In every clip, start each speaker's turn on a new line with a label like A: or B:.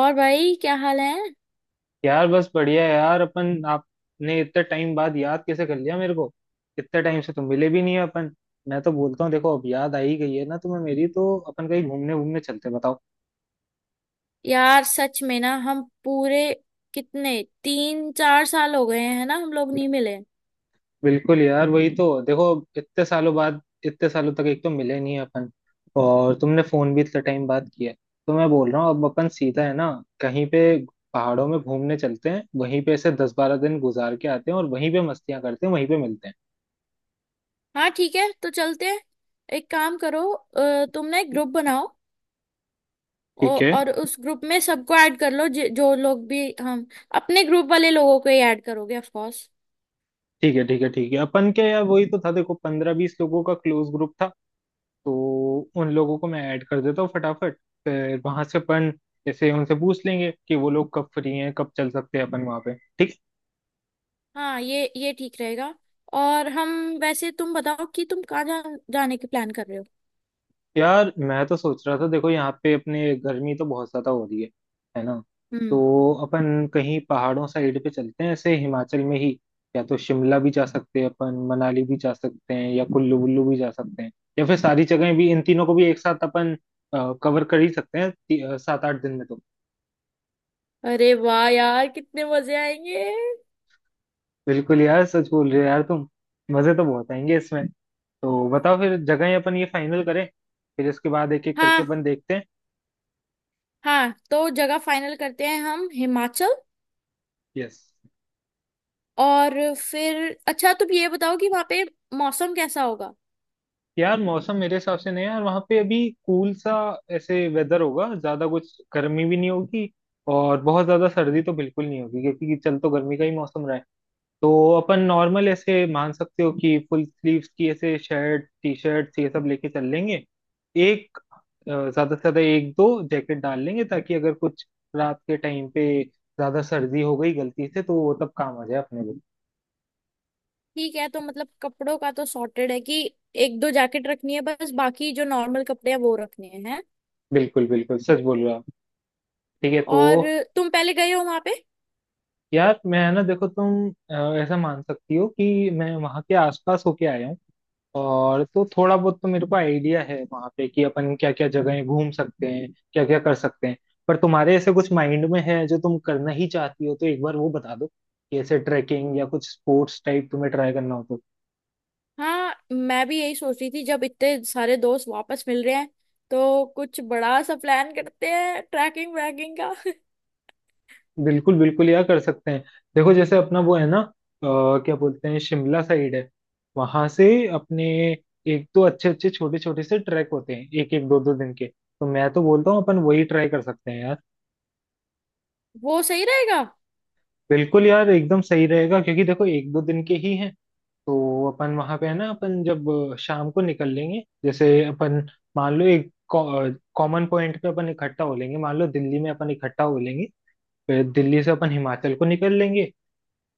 A: और भाई क्या हाल है।
B: यार बस बढ़िया है यार। अपन आपने इतने टाइम बाद याद कैसे कर लिया मेरे को। इतने टाइम से तो मिले भी नहीं है अपन। मैं तो बोलता हूँ देखो, अब याद आ ही गई है ना तुम्हें मेरी, तो अपन कहीं घूमने घूमने चलते हैं, बताओ।
A: यार सच में ना हम पूरे कितने 3 4 साल हो गए हैं ना हम लोग नहीं मिले।
B: बिल्कुल यार वही तो देखो। इतने सालों बाद इतने सालों तक एक तो मिले नहीं है अपन। और तुमने फोन भी इतने टाइम बाद किया है। तो मैं बोल रहा हूँ, अब अपन सीधा है ना कहीं पे पहाड़ों में घूमने चलते हैं। वहीं पे ऐसे 10-12 दिन गुजार के आते हैं और वहीं पे मस्तियां करते हैं, वहीं पे मिलते हैं।
A: हाँ ठीक है, तो चलते हैं। एक काम करो, तुम ना एक ग्रुप बनाओ।
B: ठीक
A: औ-
B: है,
A: और उस ग्रुप में सबको ऐड कर लो जो लोग भी हम अपने ग्रुप वाले लोगों को ही ऐड करोगे ऑफ कोर्स।
B: ठीक है, ठीक है, ठीक है, अपन के यार वही तो था देखो, 15-20 लोगों का क्लोज ग्रुप था। तो उन लोगों को मैं ऐड कर देता हूँ फटाफट। फिर वहां से अपन जैसे उनसे पूछ लेंगे कि वो लोग कब फ्री हैं, कब चल सकते हैं अपन वहां पे। ठीक।
A: हाँ ये ठीक रहेगा। और हम वैसे तुम बताओ कि तुम कहाँ जाने की प्लान कर रहे हो।
B: यार मैं तो सोच रहा था देखो, यहाँ पे अपने गर्मी तो बहुत ज्यादा हो रही है ना।
A: हम्म।
B: तो अपन कहीं पहाड़ों साइड पे चलते हैं, ऐसे हिमाचल में ही। या तो शिमला भी जा सकते हैं अपन, मनाली भी जा सकते हैं, या कुल्लू वुल्लू भी जा सकते हैं। या फिर सारी जगहें भी, इन तीनों को भी एक साथ अपन कवर कर ही सकते हैं 7-8 दिन में तो।
A: अरे वाह यार, कितने मजे आएंगे।
B: बिल्कुल यार, सच बोल रहे हो यार तुम। मजे तो बहुत आएंगे इसमें। तो बताओ फिर जगहें अपन ये फाइनल करें। फिर इसके बाद एक एक करके
A: हाँ,
B: अपन देखते हैं।
A: हाँ तो जगह फाइनल करते हैं हम, हिमाचल।
B: यस।
A: और फिर अच्छा तुम ये बताओ कि वहां पे मौसम कैसा होगा।
B: यार मौसम मेरे हिसाब से नहीं है यार वहाँ पे अभी। कूल सा ऐसे वेदर होगा, ज्यादा कुछ गर्मी भी नहीं होगी। और बहुत ज्यादा सर्दी तो बिल्कुल नहीं होगी, क्योंकि चल तो गर्मी का ही मौसम रहा है। तो अपन नॉर्मल ऐसे मान सकते हो कि फुल स्लीव्स की ऐसे शर्ट, टी शर्ट ये सब लेके चल लेंगे। एक ज्यादा से ज्यादा एक दो जैकेट डाल लेंगे, ताकि अगर कुछ रात के टाइम पे ज्यादा सर्दी हो गई गलती से, तो वो तब काम आ जाए अपने लिए।
A: ठीक है, तो मतलब कपड़ों का तो सॉर्टेड है कि एक दो जैकेट रखनी है, बस बाकी जो नॉर्मल कपड़े हैं वो रखने हैं।
B: बिल्कुल बिल्कुल, सच बोल रहा हूँ। ठीक है, तो
A: और तुम पहले गए हो वहां पे?
B: यार मैं ना देखो तुम ऐसा मान सकती हो कि मैं वहाँ के आसपास होके आया हूँ। और तो थोड़ा बहुत तो मेरे को आइडिया है वहाँ पे कि अपन क्या क्या जगहें घूम सकते हैं, क्या क्या कर सकते हैं। पर तुम्हारे ऐसे कुछ माइंड में है जो तुम करना ही चाहती हो, तो एक बार वो बता दो कि ऐसे ट्रैकिंग या कुछ स्पोर्ट्स टाइप तुम्हें ट्राई करना हो तो।
A: हाँ मैं भी यही सोच रही थी, जब इतने सारे दोस्त वापस मिल रहे हैं तो कुछ बड़ा सा प्लान करते हैं ट्रैकिंग वैकिंग का
B: बिल्कुल बिल्कुल यार, कर सकते हैं। देखो जैसे अपना वो है ना क्या बोलते हैं, शिमला साइड है। वहां से अपने एक तो अच्छे अच्छे छोटे छोटे से ट्रैक होते हैं, एक एक दो दो दिन के। तो मैं तो बोलता हूँ अपन वही ट्राई कर सकते हैं यार।
A: वो सही रहेगा।
B: बिल्कुल यार एकदम सही रहेगा, क्योंकि देखो एक दो दिन के ही हैं। तो अपन वहां पे है ना, अपन जब शाम को निकल लेंगे, जैसे अपन मान लो एक कॉमन पॉइंट पे अपन इकट्ठा हो लेंगे, मान लो दिल्ली में अपन इकट्ठा हो लेंगे। फिर दिल्ली से अपन हिमाचल को निकल लेंगे।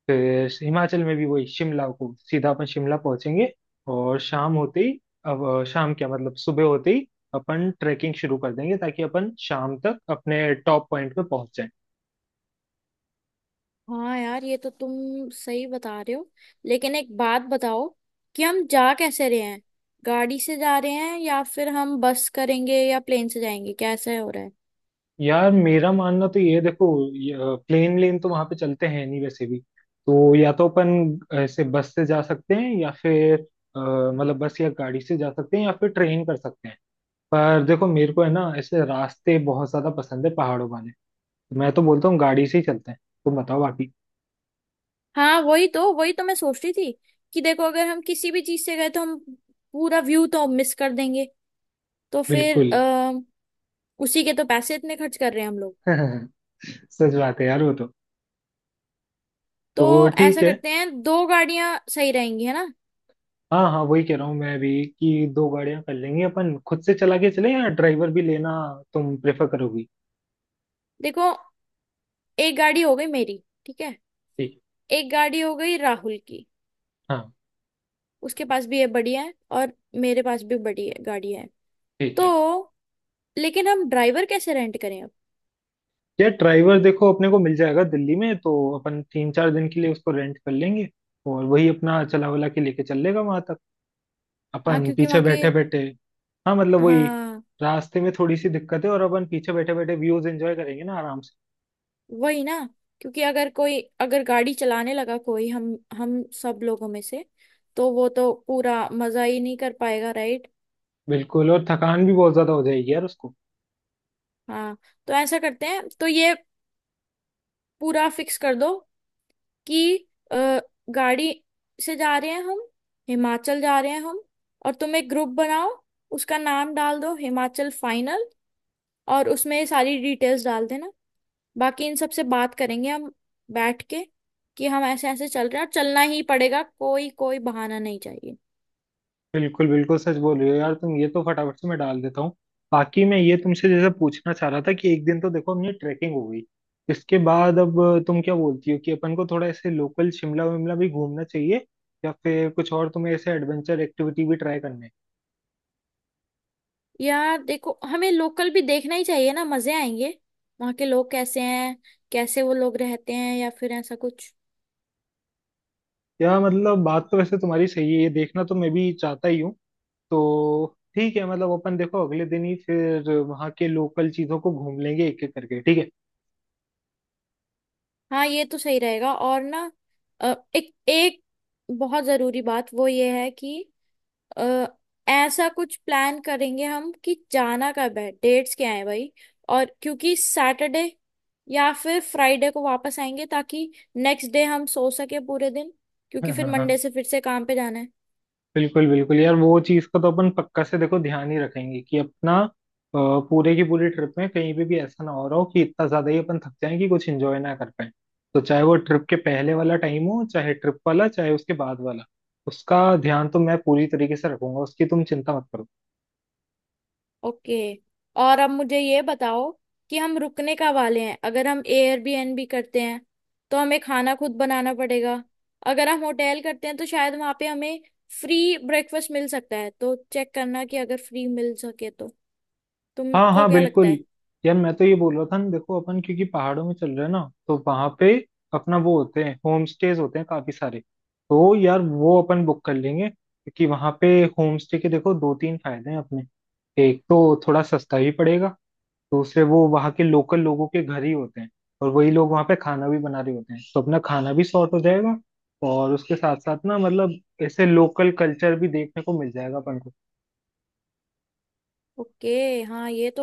B: फिर हिमाचल में भी वही शिमला को सीधा अपन शिमला पहुंचेंगे। और शाम होते ही, अब शाम क्या, मतलब सुबह होते ही अपन ट्रैकिंग शुरू कर देंगे, ताकि अपन शाम तक अपने टॉप पॉइंट पे पहुंच जाएं।
A: हाँ यार ये तो तुम सही बता रहे हो। लेकिन एक बात बताओ कि हम जा कैसे रहे हैं, गाड़ी से जा रहे हैं या फिर हम बस करेंगे या प्लेन से जाएंगे, कैसे हो रहा है?
B: यार मेरा मानना तो ये है, देखो ये, प्लेन लेन तो वहां पे चलते हैं नहीं वैसे भी। तो या तो अपन ऐसे बस से जा सकते हैं, या फिर मतलब बस या गाड़ी से जा सकते हैं, या फिर ट्रेन कर सकते हैं। पर देखो मेरे को है ना ऐसे रास्ते बहुत ज्यादा पसंद है पहाड़ों वाले। मैं तो बोलता हूँ गाड़ी से ही चलते हैं। तुम बताओ बाकी।
A: हाँ वही तो मैं सोच रही थी कि देखो अगर हम किसी भी चीज से गए तो हम पूरा व्यू तो मिस कर देंगे। तो फिर
B: बिल्कुल
A: उसी के तो पैसे इतने खर्च कर रहे हैं हम लोग।
B: सच बात है यार वो तो।
A: तो
B: तो ठीक
A: ऐसा
B: है।
A: करते हैं, दो गाड़ियां सही रहेंगी, है ना।
B: हाँ हाँ, वही कह रहा हूँ मैं भी, कि दो गाड़ियां कर लेंगे अपन। खुद से चला के चले या ड्राइवर भी लेना तुम प्रेफर करोगी।
A: देखो एक गाड़ी हो गई मेरी, ठीक है।
B: ठीक
A: एक गाड़ी हो गई राहुल की,
B: है। हाँ।
A: उसके पास भी है, बड़ी है। और मेरे पास भी बड़ी है गाड़ी है।
B: ठीक
A: तो
B: है।
A: लेकिन हम ड्राइवर कैसे रेंट करें अब?
B: यार ड्राइवर देखो अपने को मिल जाएगा दिल्ली में तो। अपन 3-4 दिन के लिए उसको रेंट कर लेंगे। और वही अपना चला वला के लेके चल लेगा वहां तक।
A: हाँ,
B: अपन
A: क्योंकि
B: पीछे
A: वहाँ के।
B: बैठे बैठे। हाँ मतलब वही,
A: हाँ
B: रास्ते में थोड़ी सी दिक्कत है, और अपन पीछे बैठे बैठे व्यूज एंजॉय करेंगे ना आराम से।
A: वही ना, क्योंकि अगर कोई, अगर गाड़ी चलाने लगा कोई हम सब लोगों में से, तो वो तो पूरा मजा ही नहीं कर पाएगा, राइट?
B: बिल्कुल, और थकान भी बहुत ज्यादा हो जाएगी यार।
A: हाँ तो ऐसा करते हैं तो ये पूरा फिक्स कर दो कि अ, गाड़ी से जा रहे हैं हम, हिमाचल जा रहे हैं हम। और तुम एक ग्रुप बनाओ, उसका नाम डाल दो हिमाचल फाइनल। और उसमें ये सारी डिटेल्स डाल देना। बाकी इन सब से बात करेंगे हम बैठ के कि हम ऐसे ऐसे चल रहे हैं और चलना ही पड़ेगा, कोई कोई बहाना नहीं चाहिए।
B: बिल्कुल बिल्कुल, सच बोल रही हो यार तुम, ये तो फटाफट से मैं डाल देता हूँ। बाकी मैं ये तुमसे जैसे पूछना चाह रहा था, कि एक दिन तो देखो हमने ट्रैकिंग हो गई। इसके बाद अब तुम क्या बोलती हो, कि अपन को थोड़ा ऐसे लोकल शिमला विमला भी घूमना चाहिए। या फिर कुछ और तुम्हें ऐसे एडवेंचर एक्टिविटी भी ट्राई करने।
A: यार देखो हमें लोकल भी देखना ही चाहिए ना, मजे आएंगे। वहाँ के लोग कैसे हैं, कैसे वो लोग रहते हैं या फिर ऐसा कुछ।
B: या मतलब बात तो वैसे तुम्हारी सही है, ये देखना तो मैं भी चाहता ही हूँ। तो ठीक है, मतलब अपन देखो अगले दिन ही फिर वहाँ के लोकल चीजों को घूम लेंगे एक एक करके, ठीक है।
A: हाँ ये तो सही रहेगा। और ना एक एक बहुत जरूरी बात वो ये है कि अ, ऐसा कुछ प्लान करेंगे हम कि जाना कब है, डेट्स क्या है भाई। और क्योंकि सैटरडे या फिर फ्राइडे को वापस आएंगे ताकि नेक्स्ट डे हम सो सके पूरे दिन, क्योंकि
B: हाँ
A: फिर
B: हाँ हाँ।
A: मंडे से फिर से काम पे जाना है।
B: बिल्कुल बिल्कुल यार, वो चीज का तो अपन पक्का से देखो ध्यान ही रखेंगे, कि अपना पूरे की पूरी ट्रिप में कहीं पे भी ऐसा ना हो रहा हो कि इतना ज्यादा ही अपन थक जाएं कि कुछ एंजॉय ना कर पाए। तो चाहे वो ट्रिप के पहले वाला टाइम हो, चाहे ट्रिप वाला, चाहे उसके बाद वाला। उसका ध्यान तो मैं पूरी तरीके से रखूंगा, उसकी तुम चिंता मत करो।
A: ओके। और अब मुझे ये बताओ कि हम रुकने का वाले हैं। अगर हम एयरबीएनबी करते हैं तो हमें खाना खुद बनाना पड़ेगा, अगर हम होटल करते हैं तो शायद वहां पे हमें फ्री ब्रेकफास्ट मिल सकता है, तो चेक करना कि अगर फ्री मिल सके तो।
B: हाँ
A: तुमको
B: हाँ।
A: क्या लगता
B: बिल्कुल।
A: है?
B: यार मैं तो ये बोल रहा था ना देखो, अपन क्योंकि पहाड़ों में चल रहे हैं ना। तो वहां पे अपना वो होते हैं, होम स्टेज होते हैं काफी सारे। तो यार वो अपन बुक कर लेंगे, क्योंकि वहां पे होम स्टे के देखो 2-3 फायदे हैं अपने। एक तो थोड़ा सस्ता भी पड़ेगा। दूसरे वो वहाँ के लोकल लोगों के घर ही होते हैं। और वही लोग वहाँ पे खाना भी बना रहे होते हैं, तो अपना खाना भी सॉर्ट हो जाएगा। और उसके साथ साथ ना मतलब, ऐसे लोकल कल्चर भी देखने को मिल जाएगा अपन को।
A: ओके। हाँ ये तो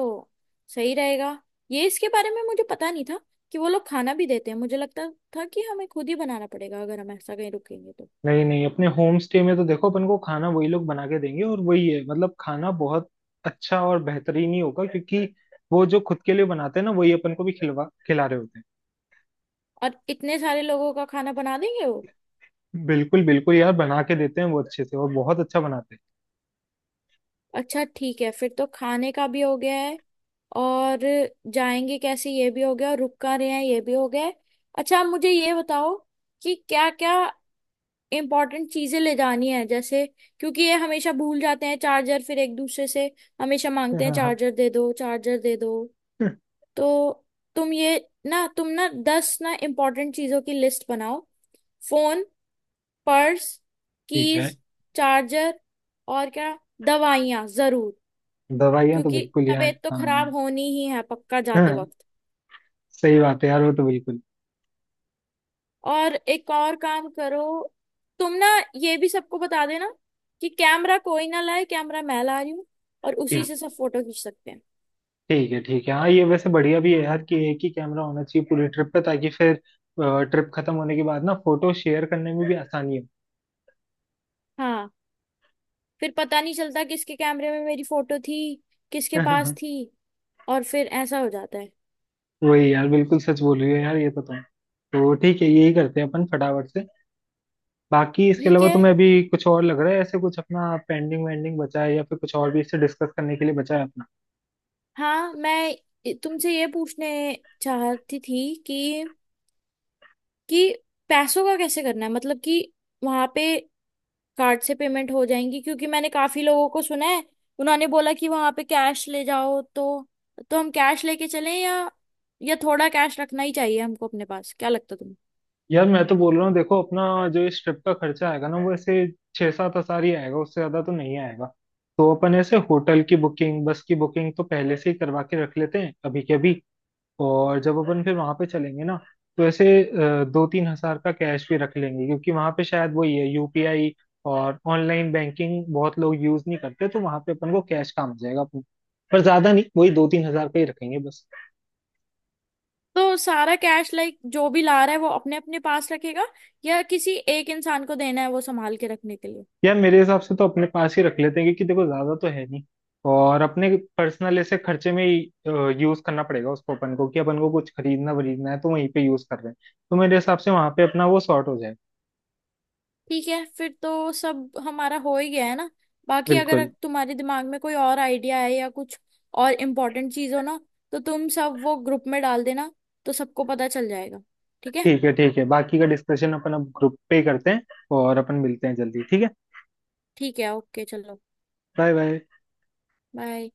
A: सही रहेगा। ये इसके बारे में मुझे पता नहीं था कि वो लोग खाना भी देते हैं, मुझे लगता था कि हमें खुद ही बनाना पड़ेगा अगर हम ऐसा कहीं रुकेंगे तो।
B: नहीं नहीं, अपने होम स्टे में तो देखो अपन को खाना वही लोग बना के देंगे। और वही है मतलब, खाना बहुत अच्छा और बेहतरीन ही होगा, क्योंकि वो जो खुद के लिए बनाते हैं ना, वही अपन को भी खिलवा खिला रहे होते
A: और इतने सारे लोगों का खाना बना देंगे वो?
B: हैं। बिल्कुल बिल्कुल यार, बना के देते हैं वो अच्छे से, और बहुत अच्छा बनाते
A: अच्छा ठीक है, फिर तो खाने का भी हो गया है। और जाएंगे कैसे ये भी हो गया, और रुक कहाँ रहे हैं ये भी हो गया है। अच्छा आप मुझे ये बताओ कि क्या क्या इम्पोर्टेंट चीजें ले जानी है। जैसे क्योंकि ये हमेशा भूल जाते हैं चार्जर, फिर एक दूसरे से हमेशा
B: हैं
A: मांगते हैं
B: हाँ हाँ
A: चार्जर दे दो, चार्जर दे दो।
B: हाँ,
A: तो तुम ये ना, तुम ना 10 ना इम्पोर्टेंट चीजों की लिस्ट बनाओ। फोन, पर्स,
B: ठीक है।
A: कीज, चार्जर, और क्या, दवाइयाँ जरूर,
B: दवाइयाँ तो
A: क्योंकि
B: बिल्कुल यार,
A: तबीयत तो
B: हाँ।
A: खराब होनी ही है पक्का जाते
B: हाँ,
A: वक्त।
B: सही बात है यार, वो तो बिल्कुल।
A: और एक और काम करो, तुम ना ये भी सबको बता देना कि कैमरा कोई ना लाए, कैमरा मैं ला रही हूँ और उसी
B: ठीक।
A: से सब फोटो खींच सकते हैं।
B: ठीक है, ठीक है हाँ, ये वैसे बढ़िया भी है यार कि एक ही कैमरा होना चाहिए पूरी ट्रिप पे, ताकि फिर ट्रिप खत्म होने के बाद ना फोटो शेयर करने में भी आसानी
A: हाँ फिर पता नहीं चलता किसके कैमरे में मेरी फोटो थी, किसके
B: हो
A: पास थी। और फिर ऐसा हो जाता है।
B: वही यार, बिल्कुल सच बोल रही हो यार ये तो तुम। तो ठीक है, यही करते हैं अपन फटाफट से। बाकी इसके
A: ठीक
B: अलावा
A: है,
B: तुम्हें अभी कुछ और लग रहा है, ऐसे कुछ अपना पेंडिंग वेंडिंग बचा है, या फिर कुछ और भी इससे डिस्कस करने के लिए बचा है अपना।
A: हाँ मैं तुमसे ये पूछने चाहती थी कि पैसों का कैसे करना है, मतलब कि वहां पे कार्ड से पेमेंट हो जाएंगी, क्योंकि मैंने काफी लोगों को सुना है उन्होंने बोला कि वहां पे कैश ले जाओ तो हम कैश लेके चलें या थोड़ा कैश रखना ही चाहिए हमको अपने पास, क्या लगता है तुम्हें?
B: यार मैं तो बोल रहा हूँ देखो, अपना जो इस ट्रिप का खर्चा आएगा ना वो ऐसे 6-7 हजार ही आएगा, उससे ज्यादा तो नहीं आएगा। तो अपन ऐसे होटल की बुकिंग, बस की बुकिंग तो पहले से ही करवा के रख लेते हैं अभी के अभी। और जब अपन फिर वहां पे चलेंगे ना, तो ऐसे 2-3 हजार का कैश भी रख लेंगे, क्योंकि वहां पे शायद वही है, यूपीआई और ऑनलाइन बैंकिंग बहुत लोग यूज नहीं करते, तो वहां पे अपन को कैश काम आ जाएगा अपन। पर ज्यादा नहीं, वही 2-3 हजार का ही रखेंगे बस।
A: तो सारा कैश लाइक जो भी ला रहा है वो अपने अपने पास रखेगा, या किसी एक इंसान को देना है वो संभाल के रखने के लिए?
B: यार मेरे हिसाब से तो अपने पास ही रख लेते हैं, क्योंकि देखो ज्यादा तो है नहीं। और अपने पर्सनल ऐसे खर्चे में ही यूज करना पड़ेगा उसको अपन को, कि अपन को कुछ खरीदना वरीदना है तो वहीं पे यूज कर रहे हैं। तो मेरे हिसाब से वहां पे अपना वो सॉर्ट हो जाएगा।
A: ठीक है, फिर तो सब हमारा हो ही गया है ना। बाकी अगर
B: बिल्कुल।
A: तुम्हारे दिमाग में कोई और आइडिया है या कुछ और इम्पोर्टेंट चीज हो ना, तो तुम सब वो ग्रुप में डाल देना, तो सबको पता चल जाएगा। ठीक है।
B: ठीक है, ठीक है, बाकी का डिस्कशन अपन अब ग्रुप पे ही करते हैं। और अपन मिलते हैं जल्दी, ठीक है।
A: ठीक है, ओके, चलो
B: बाय बाय।
A: बाय।